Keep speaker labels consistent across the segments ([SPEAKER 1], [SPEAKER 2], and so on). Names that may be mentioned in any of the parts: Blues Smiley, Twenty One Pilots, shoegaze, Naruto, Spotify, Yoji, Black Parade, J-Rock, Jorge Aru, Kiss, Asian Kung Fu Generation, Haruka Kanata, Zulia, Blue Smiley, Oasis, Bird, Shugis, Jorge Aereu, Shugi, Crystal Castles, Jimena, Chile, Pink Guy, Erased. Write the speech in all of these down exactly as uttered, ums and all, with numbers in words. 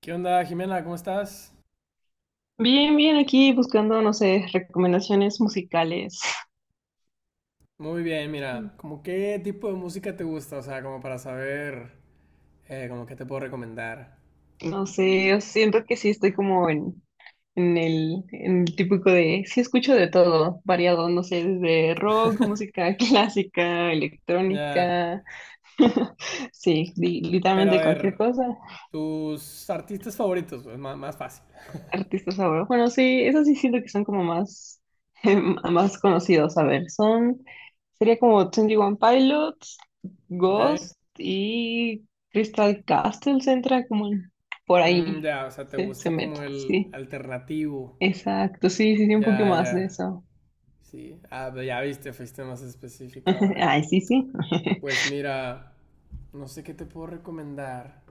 [SPEAKER 1] ¿Qué onda, Jimena? ¿Cómo estás?
[SPEAKER 2] Bien, bien, aquí buscando, no sé, recomendaciones musicales.
[SPEAKER 1] Muy bien, mira, como qué tipo de música te gusta, o sea, como para saber, eh, como qué te puedo recomendar.
[SPEAKER 2] No sé, siento que sí estoy como en, en el, en el típico de, sí escucho de todo, variado, no sé, desde rock, música clásica,
[SPEAKER 1] Ya,
[SPEAKER 2] electrónica, sí, li-
[SPEAKER 1] pero a
[SPEAKER 2] literalmente cualquier
[SPEAKER 1] ver,
[SPEAKER 2] cosa.
[SPEAKER 1] tus artistas favoritos, es más, más fácil,
[SPEAKER 2] Artistas ahora. Bueno, sí, esos sí siento que son como más, más conocidos. A ver, son, sería como Twenty One Pilots,
[SPEAKER 1] ¿ok?
[SPEAKER 2] Ghost y Crystal Castles entra como en- por
[SPEAKER 1] Mm,
[SPEAKER 2] ahí.
[SPEAKER 1] ya, o sea, te
[SPEAKER 2] Se, se
[SPEAKER 1] gusta
[SPEAKER 2] mete,
[SPEAKER 1] como el
[SPEAKER 2] sí.
[SPEAKER 1] alternativo.
[SPEAKER 2] Exacto, sí, sí, sí, un poco
[SPEAKER 1] Ya,
[SPEAKER 2] más de
[SPEAKER 1] ya,
[SPEAKER 2] eso.
[SPEAKER 1] sí. Ah, pero ya viste, fuiste más específica ahora.
[SPEAKER 2] Ay, sí, sí.
[SPEAKER 1] Pues mira, no sé qué te puedo recomendar.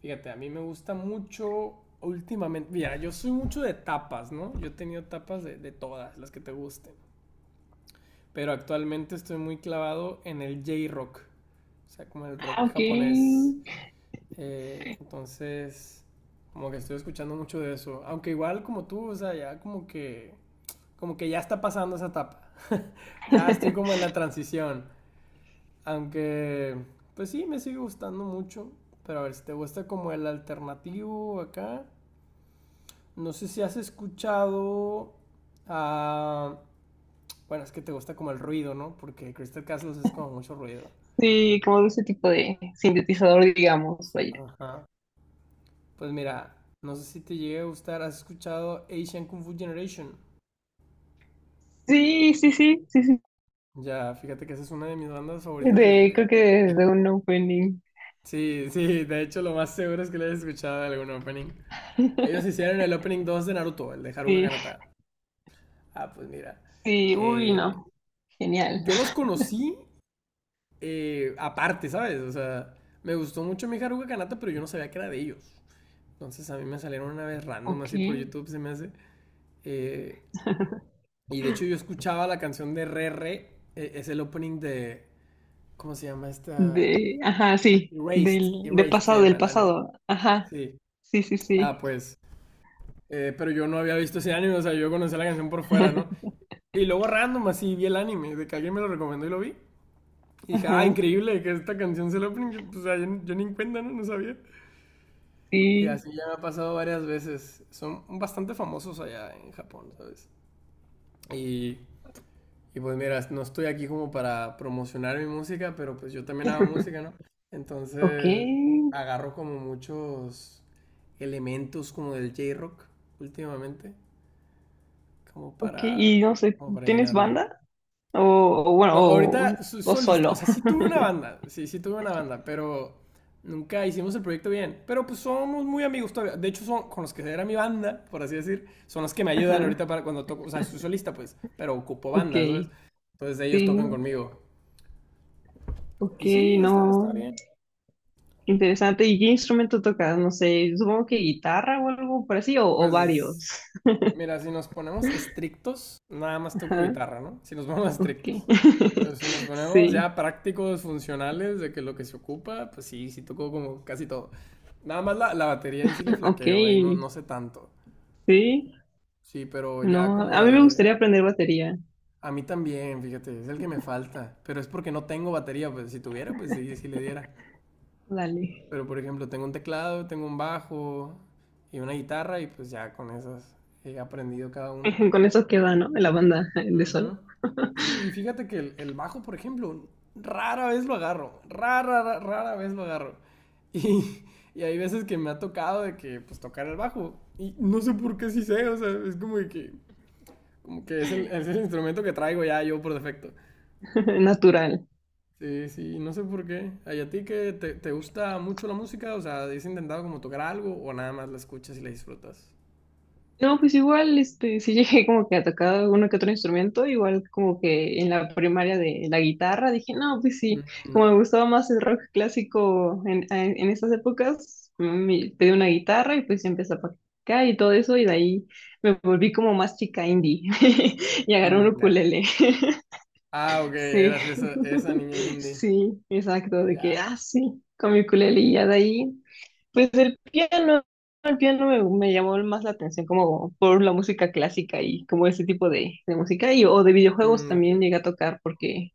[SPEAKER 1] Fíjate, a mí me gusta mucho últimamente. Mira, yo soy mucho de tapas, ¿no? Yo he tenido tapas de, de todas, las que te gusten. Pero actualmente estoy muy clavado en el J-Rock. O sea, como el
[SPEAKER 2] Ah,
[SPEAKER 1] rock
[SPEAKER 2] ok.
[SPEAKER 1] japonés. Eh, entonces, como que estoy escuchando mucho de eso. Aunque igual como tú, o sea, ya como que. Como que ya está pasando esa etapa. Ya estoy como en la transición. Aunque, pues sí, me sigue gustando mucho. Pero a ver, si te gusta como el alternativo acá, no sé si has escuchado a. Bueno, es que te gusta como el ruido, ¿no? Porque Crystal Castles es como mucho ruido.
[SPEAKER 2] Sí, como de ese tipo de sintetizador, digamos, vaya.
[SPEAKER 1] Ajá. Pues mira, no sé si te llegue a gustar. ¿Has escuchado Asian Kung Fu Generation?
[SPEAKER 2] Sí, sí, sí, sí, sí.
[SPEAKER 1] Ya, fíjate que esa es una de mis bandas favoritas de...
[SPEAKER 2] De,
[SPEAKER 1] de-
[SPEAKER 2] creo que
[SPEAKER 1] de-
[SPEAKER 2] de un opening.
[SPEAKER 1] Sí, sí, de hecho lo más seguro es que le hayas escuchado algún opening. Ellos hicieron el opening dos de Naruto, el de Haruka
[SPEAKER 2] Sí.
[SPEAKER 1] Kanata. Ah, pues mira.
[SPEAKER 2] Sí, uy,
[SPEAKER 1] eh,
[SPEAKER 2] no. Genial.
[SPEAKER 1] yo los conocí eh, aparte, ¿sabes? O sea, me gustó mucho mi Haruka Kanata, pero yo no sabía que era de ellos. Entonces a mí me salieron una vez random
[SPEAKER 2] Ok.
[SPEAKER 1] así por YouTube, se me hace. Eh, y de hecho yo escuchaba la canción de Re Re, eh, es el opening de. ¿Cómo se llama esta?
[SPEAKER 2] De, ajá,
[SPEAKER 1] De
[SPEAKER 2] sí.
[SPEAKER 1] Erased,
[SPEAKER 2] Del, de
[SPEAKER 1] Erased se
[SPEAKER 2] pasado,
[SPEAKER 1] llama
[SPEAKER 2] del
[SPEAKER 1] el anime.
[SPEAKER 2] pasado. Ajá.
[SPEAKER 1] Sí.
[SPEAKER 2] Sí, sí,
[SPEAKER 1] Ah,
[SPEAKER 2] sí.
[SPEAKER 1] pues. eh, pero yo no había visto ese anime, o sea, yo conocía la canción por fuera, ¿no? Y luego random así vi el anime, de que alguien me lo recomendó y lo vi. Y dije, ah,
[SPEAKER 2] Ajá.
[SPEAKER 1] increíble que esta canción sea el opening. Yo, pues, o sea, yo, yo ni en cuenta, ¿no? No sabía. Y
[SPEAKER 2] Sí.
[SPEAKER 1] así ya me ha pasado varias veces. Son bastante famosos allá en Japón, ¿sabes? Y, y pues mira, no estoy aquí como para promocionar mi música, pero pues yo también hago música, ¿no?
[SPEAKER 2] Ok.
[SPEAKER 1] Entonces agarro como muchos elementos como del J-Rock últimamente, como
[SPEAKER 2] Ok.
[SPEAKER 1] para,
[SPEAKER 2] Y no sé,
[SPEAKER 1] como para
[SPEAKER 2] ¿tienes
[SPEAKER 1] llenarlo.
[SPEAKER 2] banda? O, o bueno,
[SPEAKER 1] No,
[SPEAKER 2] o,
[SPEAKER 1] ahorita soy
[SPEAKER 2] o
[SPEAKER 1] solista, o
[SPEAKER 2] solo.
[SPEAKER 1] sea, sí tuve una banda, sí, sí tuve una banda, pero nunca hicimos el proyecto bien. Pero pues somos muy amigos todavía. De hecho, son con los que era mi banda, por así decir, son los que me ayudan
[SPEAKER 2] Ajá.
[SPEAKER 1] ahorita para cuando toco, o sea, soy solista, pues, pero ocupo
[SPEAKER 2] Ok.
[SPEAKER 1] bandas, ¿sabes? Entonces ellos
[SPEAKER 2] Sí.
[SPEAKER 1] tocan conmigo.
[SPEAKER 2] Ok,
[SPEAKER 1] Y sí, está, está
[SPEAKER 2] no.
[SPEAKER 1] bien.
[SPEAKER 2] Interesante. ¿Y qué instrumento tocas? No sé, supongo que guitarra o algo por así, o, o
[SPEAKER 1] Pues
[SPEAKER 2] varios.
[SPEAKER 1] Mira, si nos ponemos estrictos, nada más toco
[SPEAKER 2] Ajá.
[SPEAKER 1] guitarra, ¿no? Si nos ponemos
[SPEAKER 2] Ok.
[SPEAKER 1] estrictos. Pero si nos ponemos
[SPEAKER 2] Sí.
[SPEAKER 1] ya prácticos, funcionales, de que lo que se ocupa, pues sí, sí toco como casi todo. Nada más la, la batería ahí sí le
[SPEAKER 2] Ok,
[SPEAKER 1] flaqueo, ahí no, no sé tanto.
[SPEAKER 2] sí,
[SPEAKER 1] Sí, pero ya
[SPEAKER 2] no,
[SPEAKER 1] como
[SPEAKER 2] a mí me
[SPEAKER 1] de.
[SPEAKER 2] gustaría aprender batería,
[SPEAKER 1] A mí también, fíjate, es el que me falta. Pero es porque no tengo batería, pues si tuviera, pues sí, sí le diera.
[SPEAKER 2] dale.
[SPEAKER 1] Pero por ejemplo, tengo un teclado, tengo un bajo y una guitarra y pues ya con esas he aprendido cada uno.
[SPEAKER 2] Con eso queda, ¿no? La banda de solo,
[SPEAKER 1] Ujú. Sí, y fíjate que el, el bajo, por ejemplo, rara vez lo agarro, rara, rara, rara vez lo agarro. Y, y hay veces que me ha tocado de que, pues, tocar el bajo. Y no sé por qué sí sé, o sea, es como de que, como que es el, es el instrumento que traigo ya yo por defecto.
[SPEAKER 2] natural.
[SPEAKER 1] Sí, sí, no sé por qué. ¿Ay, a ti que te, te gusta mucho la música? O sea, ¿has intentado como tocar algo o nada más la escuchas y la disfrutas?
[SPEAKER 2] No, pues igual, este, sí llegué como que a tocar uno que otro instrumento, igual como que en la primaria de la guitarra, dije, no, pues
[SPEAKER 1] Mm,
[SPEAKER 2] sí, como
[SPEAKER 1] ya.
[SPEAKER 2] me gustaba más el rock clásico en, en, en esas épocas, me pedí una guitarra y pues ya empecé a practicar y todo eso, y de ahí me volví como más chica indie y agarré un
[SPEAKER 1] Mm, ya.
[SPEAKER 2] ukulele.
[SPEAKER 1] Ah, ok,
[SPEAKER 2] Sí,
[SPEAKER 1] eras esa, esa niña indie.
[SPEAKER 2] sí, exacto, de que,
[SPEAKER 1] Ya.
[SPEAKER 2] ah, sí, con mi ukulele y ya de ahí, pues el piano, el piano me, me llamó más la atención como por la música clásica y como ese tipo de, de música y o de videojuegos
[SPEAKER 1] Mm, ok.
[SPEAKER 2] también llegué a tocar porque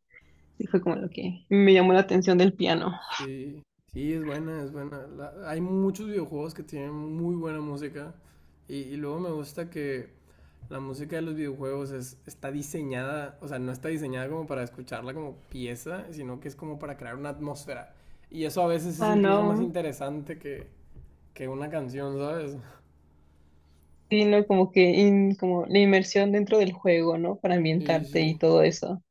[SPEAKER 2] sí fue como lo que me llamó la atención del piano.
[SPEAKER 1] Sí, sí, es buena, es buena. La- hay muchos videojuegos que tienen muy buena música y, y luego me gusta que la música de los videojuegos es, está diseñada, o sea, no está diseñada como para escucharla como pieza, sino que es como para crear una atmósfera. Y eso a veces es
[SPEAKER 2] Ah,
[SPEAKER 1] incluso más
[SPEAKER 2] no,
[SPEAKER 1] interesante que, que una canción, ¿sabes?
[SPEAKER 2] sí, no, como que in- como la inmersión dentro del juego, ¿no? Para
[SPEAKER 1] Sí,
[SPEAKER 2] ambientarte
[SPEAKER 1] sí.
[SPEAKER 2] y todo eso.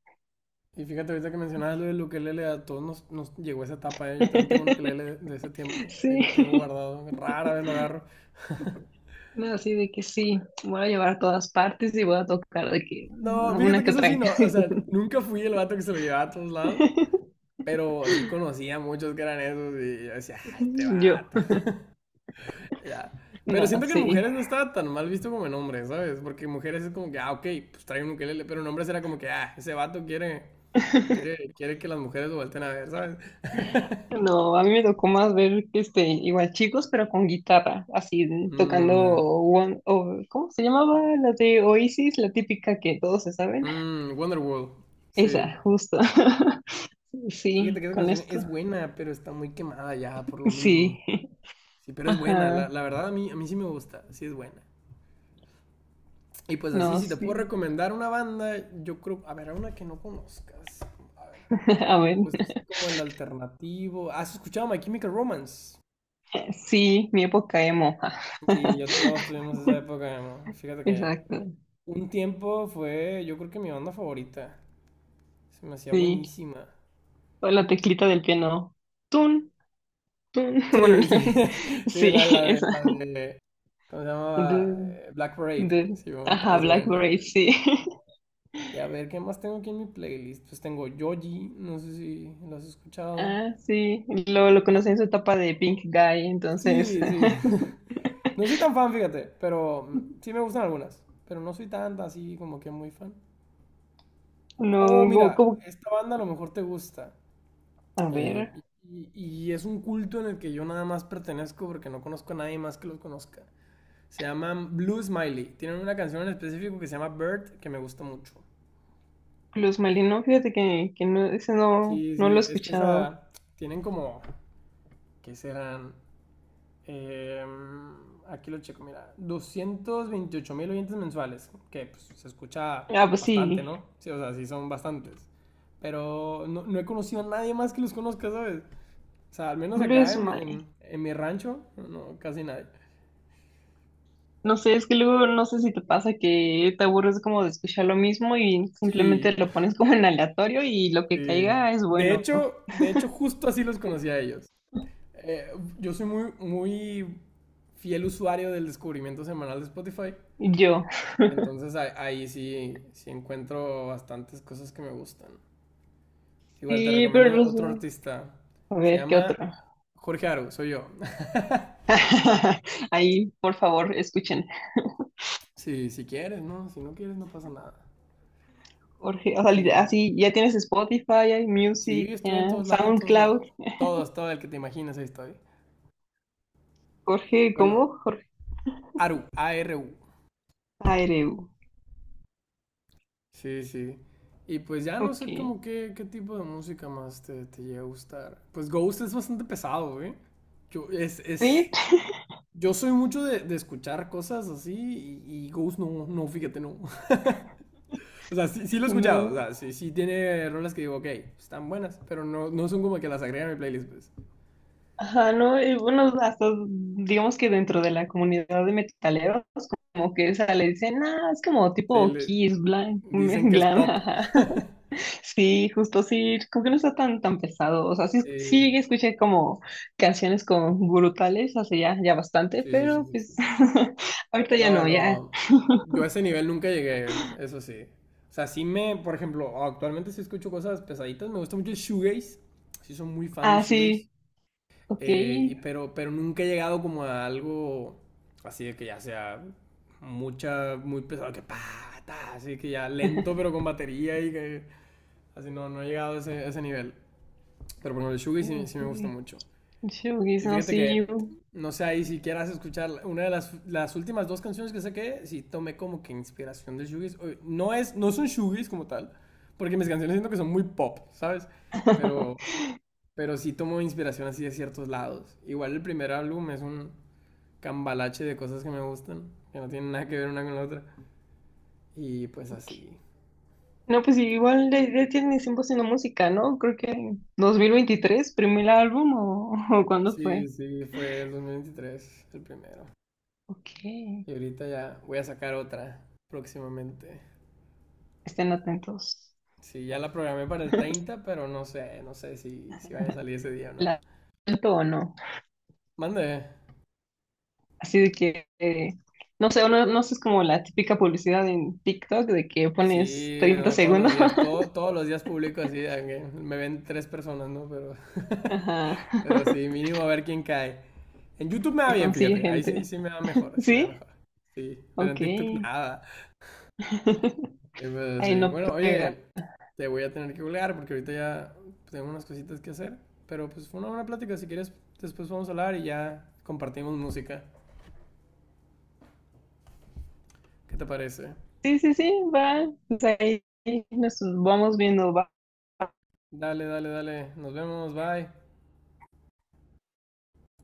[SPEAKER 1] Y fíjate, ahorita que mencionabas lo del ukelele, a todos nos, nos llegó esa etapa, ¿eh? Yo también tengo un ukelele de, de ese tiempo, ahí lo tengo
[SPEAKER 2] Sí.
[SPEAKER 1] guardado, rara vez lo agarro.
[SPEAKER 2] No, así de que sí, voy a llevar a todas partes y voy a tocar de que
[SPEAKER 1] No,
[SPEAKER 2] no, una
[SPEAKER 1] fíjate que
[SPEAKER 2] que
[SPEAKER 1] eso
[SPEAKER 2] otra.
[SPEAKER 1] sí, no. O sea, nunca fui el vato que se lo llevaba a todos lados. Pero sí conocía a muchos que eran esos y yo decía, ah, este
[SPEAKER 2] Yo,
[SPEAKER 1] vato. Ya. Pero
[SPEAKER 2] no,
[SPEAKER 1] siento que en
[SPEAKER 2] sí.
[SPEAKER 1] mujeres no estaba tan mal visto como en hombres, ¿sabes? Porque en mujeres es como que, ah, ok, pues trae un ukelele. Pero en hombres era como que, ah, ese vato quiere, quiere, quiere, que las mujeres lo volteen a ver, ¿sabes?
[SPEAKER 2] No, a mí me tocó más ver este, igual chicos, pero con guitarra, así tocando
[SPEAKER 1] Mmm, ya.
[SPEAKER 2] One, o, ¿cómo se llamaba? La de Oasis, la típica que todos se saben.
[SPEAKER 1] Mmm, Wonderworld. Sí.
[SPEAKER 2] Esa, justo.
[SPEAKER 1] Fíjate
[SPEAKER 2] Sí,
[SPEAKER 1] que esa
[SPEAKER 2] con
[SPEAKER 1] canción
[SPEAKER 2] esto.
[SPEAKER 1] es buena, pero está muy quemada ya por lo mismo.
[SPEAKER 2] Sí.
[SPEAKER 1] Sí, pero es buena.
[SPEAKER 2] Ajá.
[SPEAKER 1] La, la verdad a mí, a mí sí me gusta. Sí es buena. Y pues así,
[SPEAKER 2] No,
[SPEAKER 1] si te puedo
[SPEAKER 2] sí.
[SPEAKER 1] recomendar una banda, yo creo, a ver, una que no conozcas. A ver,
[SPEAKER 2] A ver.
[SPEAKER 1] te gusta así como el alternativo. ¿Has escuchado My Chemical Romance?
[SPEAKER 2] Sí, mi época emo.
[SPEAKER 1] Sí, yo todos tuvimos esa época, ¿no? Fíjate que
[SPEAKER 2] Exacto.
[SPEAKER 1] un tiempo fue, yo creo que mi banda favorita. Se me hacía
[SPEAKER 2] Sí.
[SPEAKER 1] buenísima.
[SPEAKER 2] O la teclita del piano. Tun, tun. Bueno,
[SPEAKER 1] Sí, sí, sí,
[SPEAKER 2] sí,
[SPEAKER 1] la, la de,
[SPEAKER 2] esa.
[SPEAKER 1] la de, ¿cómo se llamaba?
[SPEAKER 2] De,
[SPEAKER 1] Eh, Black Parade.
[SPEAKER 2] de-
[SPEAKER 1] Sí, bueno,
[SPEAKER 2] Ajá,
[SPEAKER 1] es buena, es
[SPEAKER 2] Blackberry,
[SPEAKER 1] buena.
[SPEAKER 2] sí.
[SPEAKER 1] Y a ver, ¿qué más tengo aquí en mi playlist? Pues tengo Yoji, no sé si lo has escuchado.
[SPEAKER 2] Ah, sí. Lo, lo
[SPEAKER 1] No,
[SPEAKER 2] conocí en su etapa de Pink Guy, entonces.
[SPEAKER 1] Sí, sí. No soy tan fan, fíjate, pero mm, sí me gustan algunas. Pero no soy tanta así como que muy fan.
[SPEAKER 2] No,
[SPEAKER 1] Oh,
[SPEAKER 2] como,
[SPEAKER 1] mira,
[SPEAKER 2] como-
[SPEAKER 1] esta banda a lo mejor te gusta.
[SPEAKER 2] a
[SPEAKER 1] eh,
[SPEAKER 2] ver.
[SPEAKER 1] y, y- es un culto en el que yo nada más pertenezco porque no conozco a nadie más que los conozca. Se llaman Blue Smiley. Tienen una canción en específico que se llama Bird que me gusta mucho.
[SPEAKER 2] Blues Smiley, no, fíjate que, que no, ese no,
[SPEAKER 1] Sí,
[SPEAKER 2] no lo he
[SPEAKER 1] sí, es que
[SPEAKER 2] escuchado.
[SPEAKER 1] esa. Tienen como. ¿Qué serán? Eh, Aquí lo checo, mira. Doscientos veintiocho mil oyentes mensuales, que pues, se escucha
[SPEAKER 2] Ah, pues
[SPEAKER 1] bastante,
[SPEAKER 2] sí.
[SPEAKER 1] ¿no? Sí, o sea, sí son bastantes. Pero no, no he conocido a nadie más que los conozca, ¿sabes? O sea, al menos acá
[SPEAKER 2] Blues
[SPEAKER 1] en, mi-
[SPEAKER 2] Smiley.
[SPEAKER 1] en- en mi rancho, no, no, casi nadie.
[SPEAKER 2] No sé, es que luego no sé si te pasa que te aburres como de escuchar lo mismo y
[SPEAKER 1] Sí,
[SPEAKER 2] simplemente lo pones como en aleatorio y lo que
[SPEAKER 1] sí.
[SPEAKER 2] caiga es
[SPEAKER 1] De
[SPEAKER 2] bueno.
[SPEAKER 1] hecho, de hecho, justo así los conocí a ellos. Eh, yo soy muy, muy fiel usuario del descubrimiento semanal de Spotify.
[SPEAKER 2] Yo.
[SPEAKER 1] Entonces ahí, ahí sí, sí encuentro bastantes cosas que me gustan. Igual te
[SPEAKER 2] Sí, pero
[SPEAKER 1] recomiendo
[SPEAKER 2] no
[SPEAKER 1] otro
[SPEAKER 2] sé.
[SPEAKER 1] artista.
[SPEAKER 2] A
[SPEAKER 1] Se
[SPEAKER 2] ver, ¿qué
[SPEAKER 1] llama
[SPEAKER 2] otro?
[SPEAKER 1] Jorge Aru, soy yo.
[SPEAKER 2] Ahí, por favor, escuchen.
[SPEAKER 1] Sí, si quieres, ¿no? Si no quieres, no pasa nada.
[SPEAKER 2] Jorge, o sea, li-
[SPEAKER 1] Y
[SPEAKER 2] así, ya tienes Spotify, hay
[SPEAKER 1] sí,
[SPEAKER 2] Music,
[SPEAKER 1] estoy en
[SPEAKER 2] ya,
[SPEAKER 1] todos lados, en todos
[SPEAKER 2] SoundCloud.
[SPEAKER 1] lados. Todos, todo el que te imaginas, ahí estoy.
[SPEAKER 2] Jorge,
[SPEAKER 1] Bueno,
[SPEAKER 2] ¿cómo? Jorge
[SPEAKER 1] Aru, A R U.
[SPEAKER 2] Aereu.
[SPEAKER 1] Sí, sí. Y pues ya no
[SPEAKER 2] Ok.
[SPEAKER 1] sé como qué, qué, tipo de música más te, te llega a gustar. Pues Ghost es bastante pesado, güey. Yo, es,
[SPEAKER 2] Sí,
[SPEAKER 1] es, Yo soy mucho de, de escuchar cosas así y, y Ghost no, no, fíjate, no. O sea, sí, sí lo he escuchado, o
[SPEAKER 2] no.
[SPEAKER 1] sea, sí, sí tiene rolas que digo, ok, están buenas, pero no, no son como que las agregan a mi playlist, pues.
[SPEAKER 2] Ajá, no, y bueno, hasta digamos que dentro de la comunidad de metaleros, como que esa le dicen, ah, es como
[SPEAKER 1] Sí,
[SPEAKER 2] tipo
[SPEAKER 1] le-
[SPEAKER 2] Kiss, glam,
[SPEAKER 1] dicen que es
[SPEAKER 2] glam,
[SPEAKER 1] pop.
[SPEAKER 2] ajá. Sí, justo sí, como que no está tan, tan pesado, o sea, sí,
[SPEAKER 1] Sí,
[SPEAKER 2] sí escuché como canciones con brutales hace ya, ya bastante,
[SPEAKER 1] sí, sí, sí,
[SPEAKER 2] pero
[SPEAKER 1] sí,
[SPEAKER 2] pues
[SPEAKER 1] sí.
[SPEAKER 2] ahorita ya
[SPEAKER 1] No,
[SPEAKER 2] no, ya,
[SPEAKER 1] no, yo a ese nivel nunca llegué, eso sí. O sea, sí me, por ejemplo, actualmente sí escucho cosas pesaditas, me gusta mucho el shoegaze, sí soy muy fan del
[SPEAKER 2] ah,
[SPEAKER 1] shoegaze.
[SPEAKER 2] sí, ok,
[SPEAKER 1] Eh, y pero, pero nunca he llegado como a algo así de que ya sea mucha, muy pesado, que pa, ta, así que ya lento pero con batería y que así no, no he llegado a ese, a ese nivel. Pero bueno ejemplo, el Shugi
[SPEAKER 2] no
[SPEAKER 1] sí, sí me gusta
[SPEAKER 2] sé,
[SPEAKER 1] mucho.
[SPEAKER 2] Shugis,
[SPEAKER 1] Y
[SPEAKER 2] no,
[SPEAKER 1] fíjate
[SPEAKER 2] sí,
[SPEAKER 1] que, no sé, ahí si quieras escuchar una de las, las últimas dos canciones que saqué, sí tomé como que inspiración de Shugis. No, es, no son Shugis como tal, porque mis canciones siento que son muy pop, ¿sabes? Pero pero sí tomo inspiración así de ciertos lados. Igual el primer álbum es un cambalache de cosas que me gustan, que no tienen nada que ver una con la otra. Y pues
[SPEAKER 2] ok.
[SPEAKER 1] así.
[SPEAKER 2] No, pues sí, igual ya, ya tiene tiempo haciendo música, ¿no? Creo que dos mil veintitrés, primer álbum o, o ¿cuándo
[SPEAKER 1] Sí,
[SPEAKER 2] fue?
[SPEAKER 1] sí, fue el dos mil veintitrés el primero.
[SPEAKER 2] Ok,
[SPEAKER 1] Y ahorita ya voy a sacar otra próximamente.
[SPEAKER 2] estén atentos.
[SPEAKER 1] Sí, ya la programé para el treinta pero no sé, no sé si, si vaya a salir ese día o no.
[SPEAKER 2] ¿La tanto o no?
[SPEAKER 1] Mande.
[SPEAKER 2] Así de que, eh, no sé, no no sé, es como la típica publicidad en TikTok de que pones
[SPEAKER 1] Sí,
[SPEAKER 2] treinta
[SPEAKER 1] no, todos los
[SPEAKER 2] segundos.
[SPEAKER 1] días, todo, todos los días publico así, aunque me ven tres personas, ¿no? Pero,
[SPEAKER 2] Ajá,
[SPEAKER 1] pero sí, mínimo a ver quién cae. En YouTube me da
[SPEAKER 2] y
[SPEAKER 1] bien,
[SPEAKER 2] consigue
[SPEAKER 1] fíjate. Ahí sí,
[SPEAKER 2] gente.
[SPEAKER 1] sí me da mejor, sí me da
[SPEAKER 2] ¿Sí?
[SPEAKER 1] mejor. Sí, pero en
[SPEAKER 2] Ok.
[SPEAKER 1] TikTok nada. Eh, pero
[SPEAKER 2] Ahí
[SPEAKER 1] sí.
[SPEAKER 2] no
[SPEAKER 1] Bueno, oye,
[SPEAKER 2] pega.
[SPEAKER 1] te voy a tener que colgar porque ahorita ya tengo unas cositas que hacer. Pero pues fue una buena plática. Si quieres, después vamos a hablar y ya compartimos música. ¿Qué te parece?
[SPEAKER 2] Sí, sí, sí, va. Pues ahí nos vamos viendo, va.
[SPEAKER 1] Dale, dale, dale. Nos vemos. Bye.